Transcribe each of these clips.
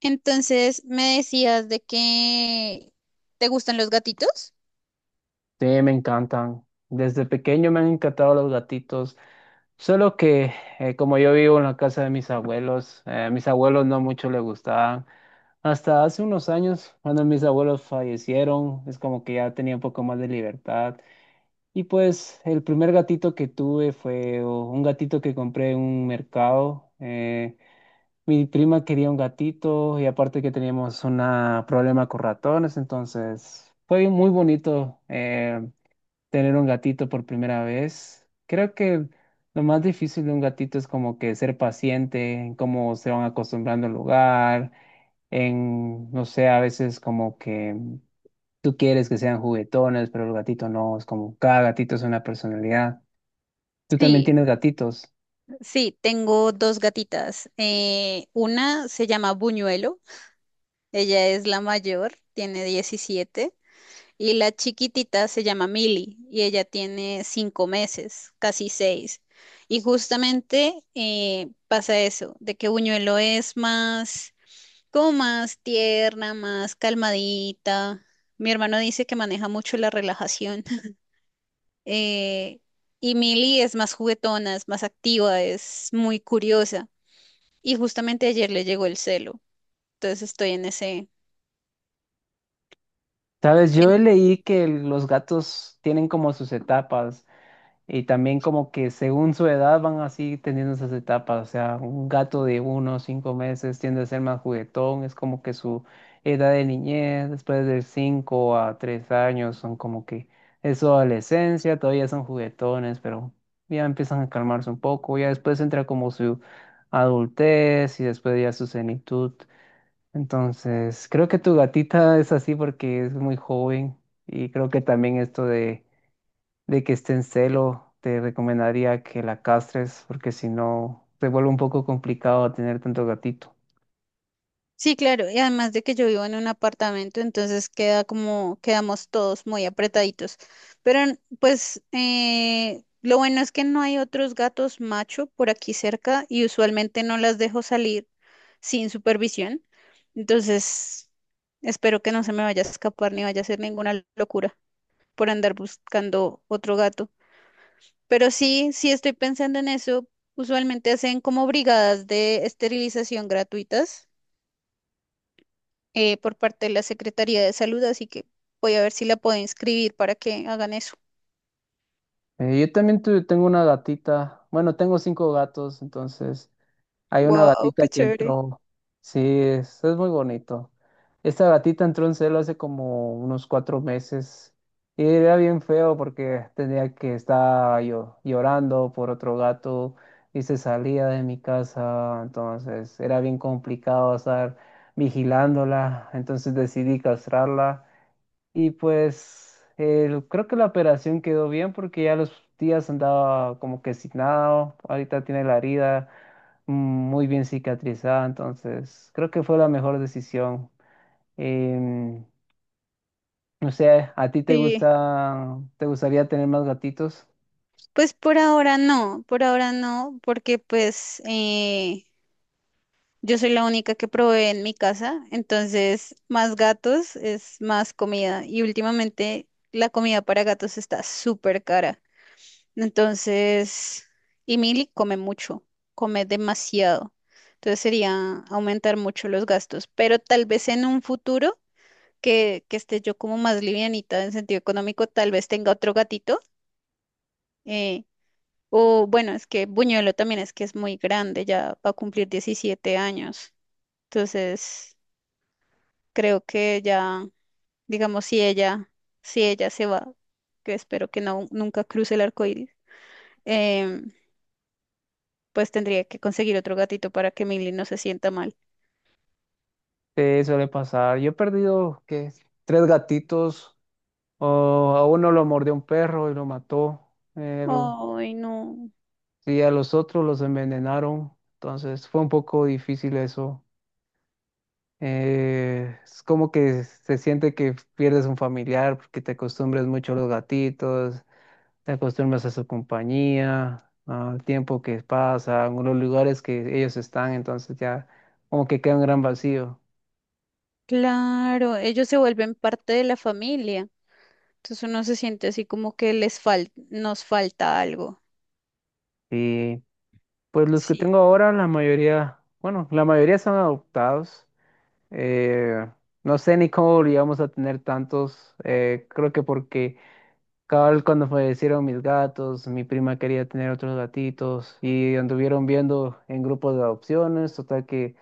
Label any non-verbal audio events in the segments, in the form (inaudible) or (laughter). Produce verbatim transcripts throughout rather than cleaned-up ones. Entonces, me decías de que te gustan los gatitos. Sí, me encantan. Desde pequeño me han encantado los gatitos. Solo que eh, como yo vivo en la casa de mis abuelos, eh, a mis abuelos no mucho les gustaban. Hasta hace unos años, cuando mis abuelos fallecieron, es como que ya tenía un poco más de libertad. Y pues el primer gatito que tuve fue oh, un gatito que compré en un mercado. Eh, mi prima quería un gatito y aparte que teníamos un problema con ratones, entonces fue muy bonito. Eh, tener un gatito por primera vez. Creo que lo más difícil de un gatito es como que ser paciente, en cómo se van acostumbrando al lugar, en, no sé, a veces como que tú quieres que sean juguetones, pero el gatito no, es como cada gatito es una personalidad. Tú también Sí, tienes gatitos. sí, tengo dos gatitas. Eh, una se llama Buñuelo, ella es la mayor, tiene diecisiete, y la chiquitita se llama Milly, y ella tiene cinco meses, casi seis. Y justamente eh, pasa eso, de que Buñuelo es más, como más tierna, más calmadita. Mi hermano dice que maneja mucho la relajación. eh, y Millie es más juguetona, es más activa, es muy curiosa. Y justamente ayer le llegó el celo. Entonces estoy en ese. Sabes, yo leí que los gatos tienen como sus etapas. Y también como que según su edad van así teniendo esas etapas, o sea, un gato de uno o cinco meses tiende a ser más juguetón, es como que su edad de niñez, después de cinco a tres años son como que es su adolescencia, todavía son juguetones, pero ya empiezan a calmarse un poco, ya después entra como su adultez y después ya su senitud. Entonces, creo que tu gatita es así porque es muy joven y creo que también esto de de que esté en celo, te recomendaría que la castres, porque si no, se vuelve un poco complicado tener tanto gatito. Sí, claro. Y además de que yo vivo en un apartamento, entonces queda como, quedamos todos muy apretaditos. Pero n- pues eh, lo bueno es que no hay otros gatos macho por aquí cerca y usualmente no las dejo salir sin supervisión. Entonces, espero que no se me vaya a escapar ni vaya a hacer ninguna locura por andar buscando otro gato. Pero sí, sí estoy pensando en eso. Usualmente hacen como brigadas de esterilización gratuitas eh, por parte de la Secretaría de Salud, así que voy a ver si la puedo inscribir para que hagan eso. Eh, yo también tuve- tengo una gatita, bueno, tengo cinco gatos, entonces hay una Wow, gatita qué que chévere. entró. Sí, es, es muy bonito. Esta gatita entró en celo hace como unos cuatro meses y era bien feo porque tenía que estar yo llorando por otro gato y se salía de mi casa. Entonces era bien complicado estar vigilándola. Entonces decidí castrarla y pues el- creo que la operación quedó bien porque ya los días andaba como que signado, ahorita tiene la herida mm, muy bien cicatrizada, entonces creo que fue la mejor decisión. Em, no sé, ¿a ti te Sí, gusta, te gustaría tener más gatitos? pues por ahora no, por ahora no, porque pues eh, yo soy la única que provee en mi casa, entonces más gatos es más comida y últimamente la comida para gatos está súper cara. Entonces, y Milly come mucho, come demasiado. Entonces sería aumentar mucho los gastos, pero tal vez en un futuro que, que esté yo como más livianita en sentido económico, tal vez tenga otro gatito. eh, o bueno, es que Buñuelo también es que es muy grande, ya va a cumplir diecisiete años. Entonces, creo que ya, digamos, si ella, si ella se va, que espero que no, nunca cruce el arco iris. em, pues tendría que conseguir otro gatito para que Millie no se sienta mal. Te suele pasar. Yo he perdido, ¿qué? Tres gatitos, o a uno lo mordió un perro y lo mató, el- Ay, no. y a los otros los envenenaron, entonces fue un poco difícil eso. Eh, es como que se siente que pierdes un familiar porque te acostumbras mucho a los gatitos, te acostumbras a su compañía, al tiempo que pasa, a los lugares que ellos están, entonces ya como que queda un gran vacío. Claro, ellos se vuelven parte de la familia. Entonces uno se siente así como que les fal nos falta algo. Y pues los que Sí. tengo ahora, la mayoría, bueno, la mayoría son adoptados. Eh, no sé ni cómo llegamos a tener tantos, eh, creo que porque... Cabal, cuando fallecieron mis gatos, mi prima quería tener otros gatitos y anduvieron viendo en grupos de adopciones, total que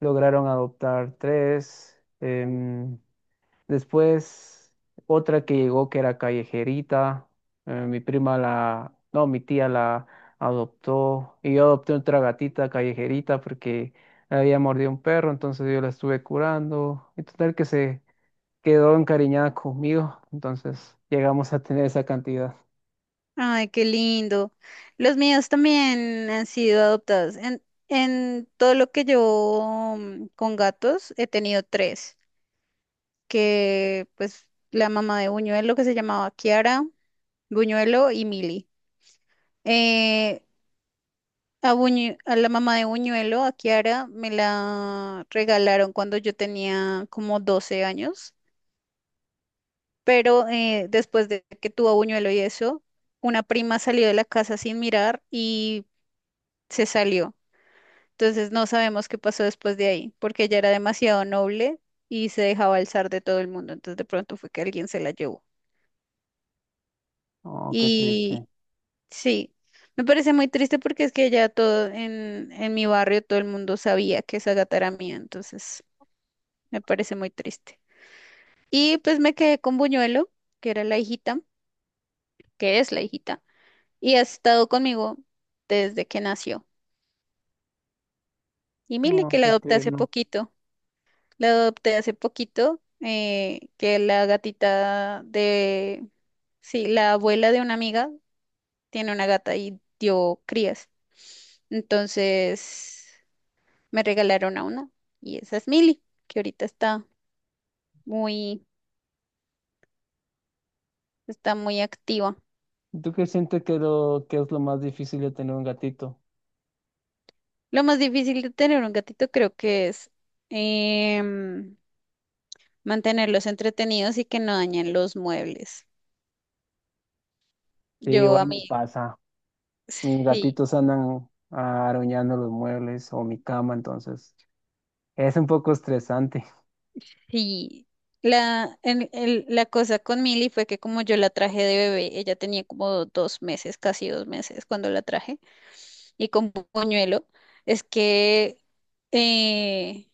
lograron adoptar tres. Em, después, otra que llegó que era callejerita, eh, mi prima la, no, mi tía la adoptó y yo adopté otra gatita callejerita porque la había mordido un perro, entonces yo la estuve curando y total que se quedó encariñada conmigo, entonces llegamos a tener esa cantidad. Ay, qué lindo. Los míos también han sido adoptados. En, en todo lo que yo, mm, con gatos he tenido tres, que pues la mamá de Buñuelo que se llamaba Kiara, Buñuelo y Mili. A, Buñu- a la mamá de Buñuelo, a Kiara, me la regalaron cuando yo tenía como doce años, pero eh, después de que tuvo a Buñuelo y eso, una prima salió de la casa sin mirar y se salió. Entonces no sabemos qué pasó después de ahí, porque ella era demasiado noble y se dejaba alzar de todo el mundo. Entonces de pronto fue que alguien se la llevó. Oh, qué Y triste. sí, me parece muy triste porque es que ya todo en, en mi barrio, todo el mundo sabía que esa gata era mía, entonces… Me parece muy triste. Y pues me quedé con Buñuelo, que era la hijita, que es la hijita, y ha estado conmigo desde que nació. Y Mili, Oh, que la qué adopté hace tierno. poquito. La adopté hace poquito, eh, que la gatita de… Sí, la abuela de una amiga tiene una gata y dio crías. Entonces me regalaron a una y esa es Mili, que ahorita está muy, está muy activa. ¿Y tú qué sientes que, lo, que es lo más difícil de tener un gatito? Lo más difícil de tener un gatito creo que es, em, mantenerlos entretenidos y que no dañen los muebles. Sí, Yo igual a me mí, pasa. Mis sí, gatitos andan arañando los muebles o mi cama, entonces es un poco estresante. sí. La, el- el- la cosa con Milly fue que como yo la traje de bebé, ella tenía como dos meses, casi dos meses cuando la traje, y con puñuelo, es que eh,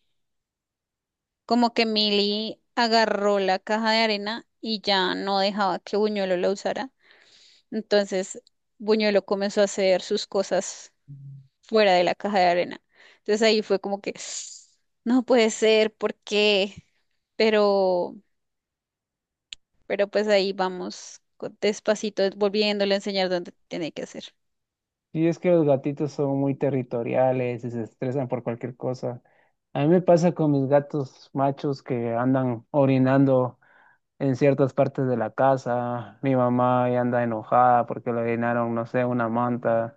como que Milly agarró la caja de arena y ya no dejaba que Buñuelo la usara. Entonces, Buñuelo comenzó a hacer sus cosas fuera de la caja de arena. Entonces ahí fue como que, (sniffs) no puede ser, ¿por qué? Pero, pero pues ahí vamos co- despacito, volviéndole a enseñar dónde tiene que hacer. Sí, es que los gatitos son muy territoriales y se estresan por cualquier cosa. A mí me pasa con mis gatos machos que andan orinando en ciertas partes de la casa. Mi mamá ya anda enojada porque le orinaron, no sé, una manta,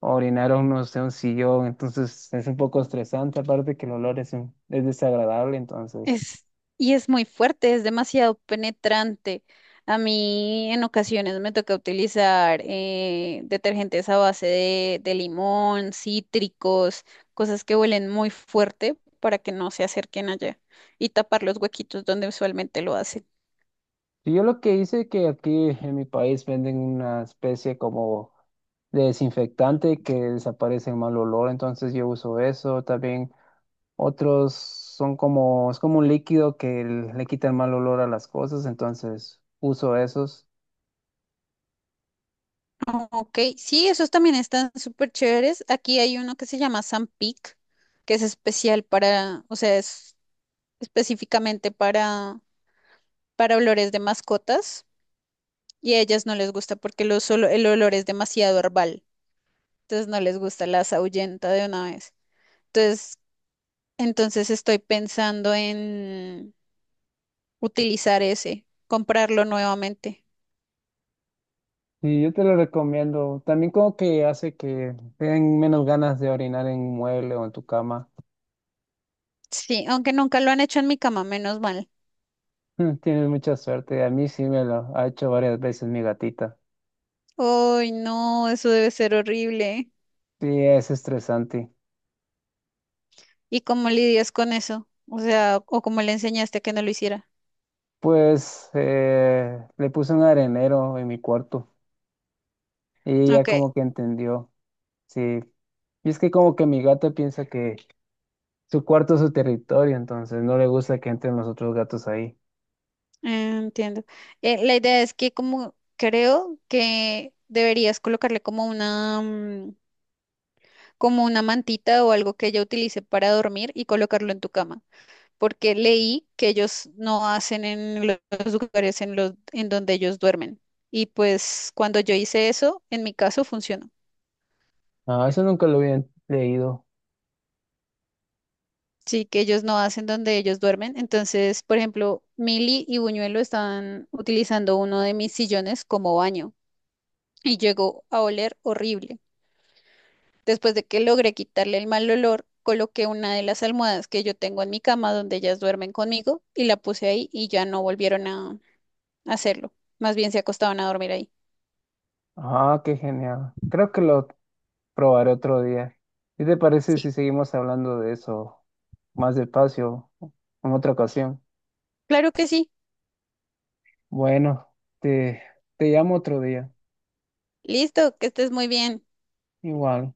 orinaron, no sé, un sillón. Entonces es un poco estresante, aparte que el olor es, un- es desagradable. Entonces, Es, y es muy fuerte, es demasiado penetrante. A mí en ocasiones me toca utilizar eh, detergentes a base de, de limón, cítricos, cosas que huelen muy fuerte para que no se acerquen allá y tapar los huequitos donde usualmente lo hacen. y yo lo que hice que aquí en mi país venden una especie como de desinfectante que desaparece el mal olor, entonces yo uso eso. También otros son como, es como un líquido que le quita el mal olor a las cosas, entonces uso esos. Ok, sí, esos también están súper chéveres. Aquí hay uno que se llama Sampic, que es especial para, o sea, es específicamente para, para olores de mascotas. Y a ellas no les gusta porque los olo- el olor es demasiado herbal. Entonces no les gusta, las ahuyenta de una vez. Entonces, entonces estoy pensando en utilizar ese, comprarlo nuevamente. Sí, yo te lo recomiendo. También como que hace que tengan menos ganas de orinar en un mueble o en tu cama. Sí, aunque nunca lo han hecho en mi cama, menos mal. (laughs) Tienes mucha suerte. A mí sí me lo ha hecho varias veces mi gatita. Ay, no, eso debe ser horrible. Sí, es estresante. ¿Y cómo lidias con eso? O sea, o cómo le enseñaste a que no lo hiciera. Pues eh, le puse un arenero en mi cuarto y ya Ok, eh, como que entendió. Sí. Y es que como que mi gata piensa que su cuarto es su territorio, entonces no le gusta que entren los otros gatos ahí. entiendo. Eh, la idea es que como creo que deberías colocarle como una, mm, como una mantita o algo que ella utilice para dormir y colocarlo en tu cama, porque leí que ellos no hacen en lo- los lugares en los en donde ellos duermen. Y pues cuando yo hice eso, en mi caso funcionó. Ah, eso nunca lo había leído. Sí, que ellos no hacen donde ellos duermen. Entonces, por ejemplo, Mili y Buñuelo estaban utilizando uno de mis sillones como baño y llegó a oler horrible. Después de que logré quitarle el mal olor, coloqué una de las almohadas que yo tengo en mi cama donde ellas duermen conmigo y la puse ahí y ya no volvieron a a hacerlo. Más bien se acostaban a dormir ahí. Ah, qué genial. Creo que lo probaré otro día. ¿Qué te parece si Sí. seguimos hablando de eso más despacio en otra ocasión? Claro que sí. Bueno, te, te llamo otro día. Listo, que estés muy bien. Igual.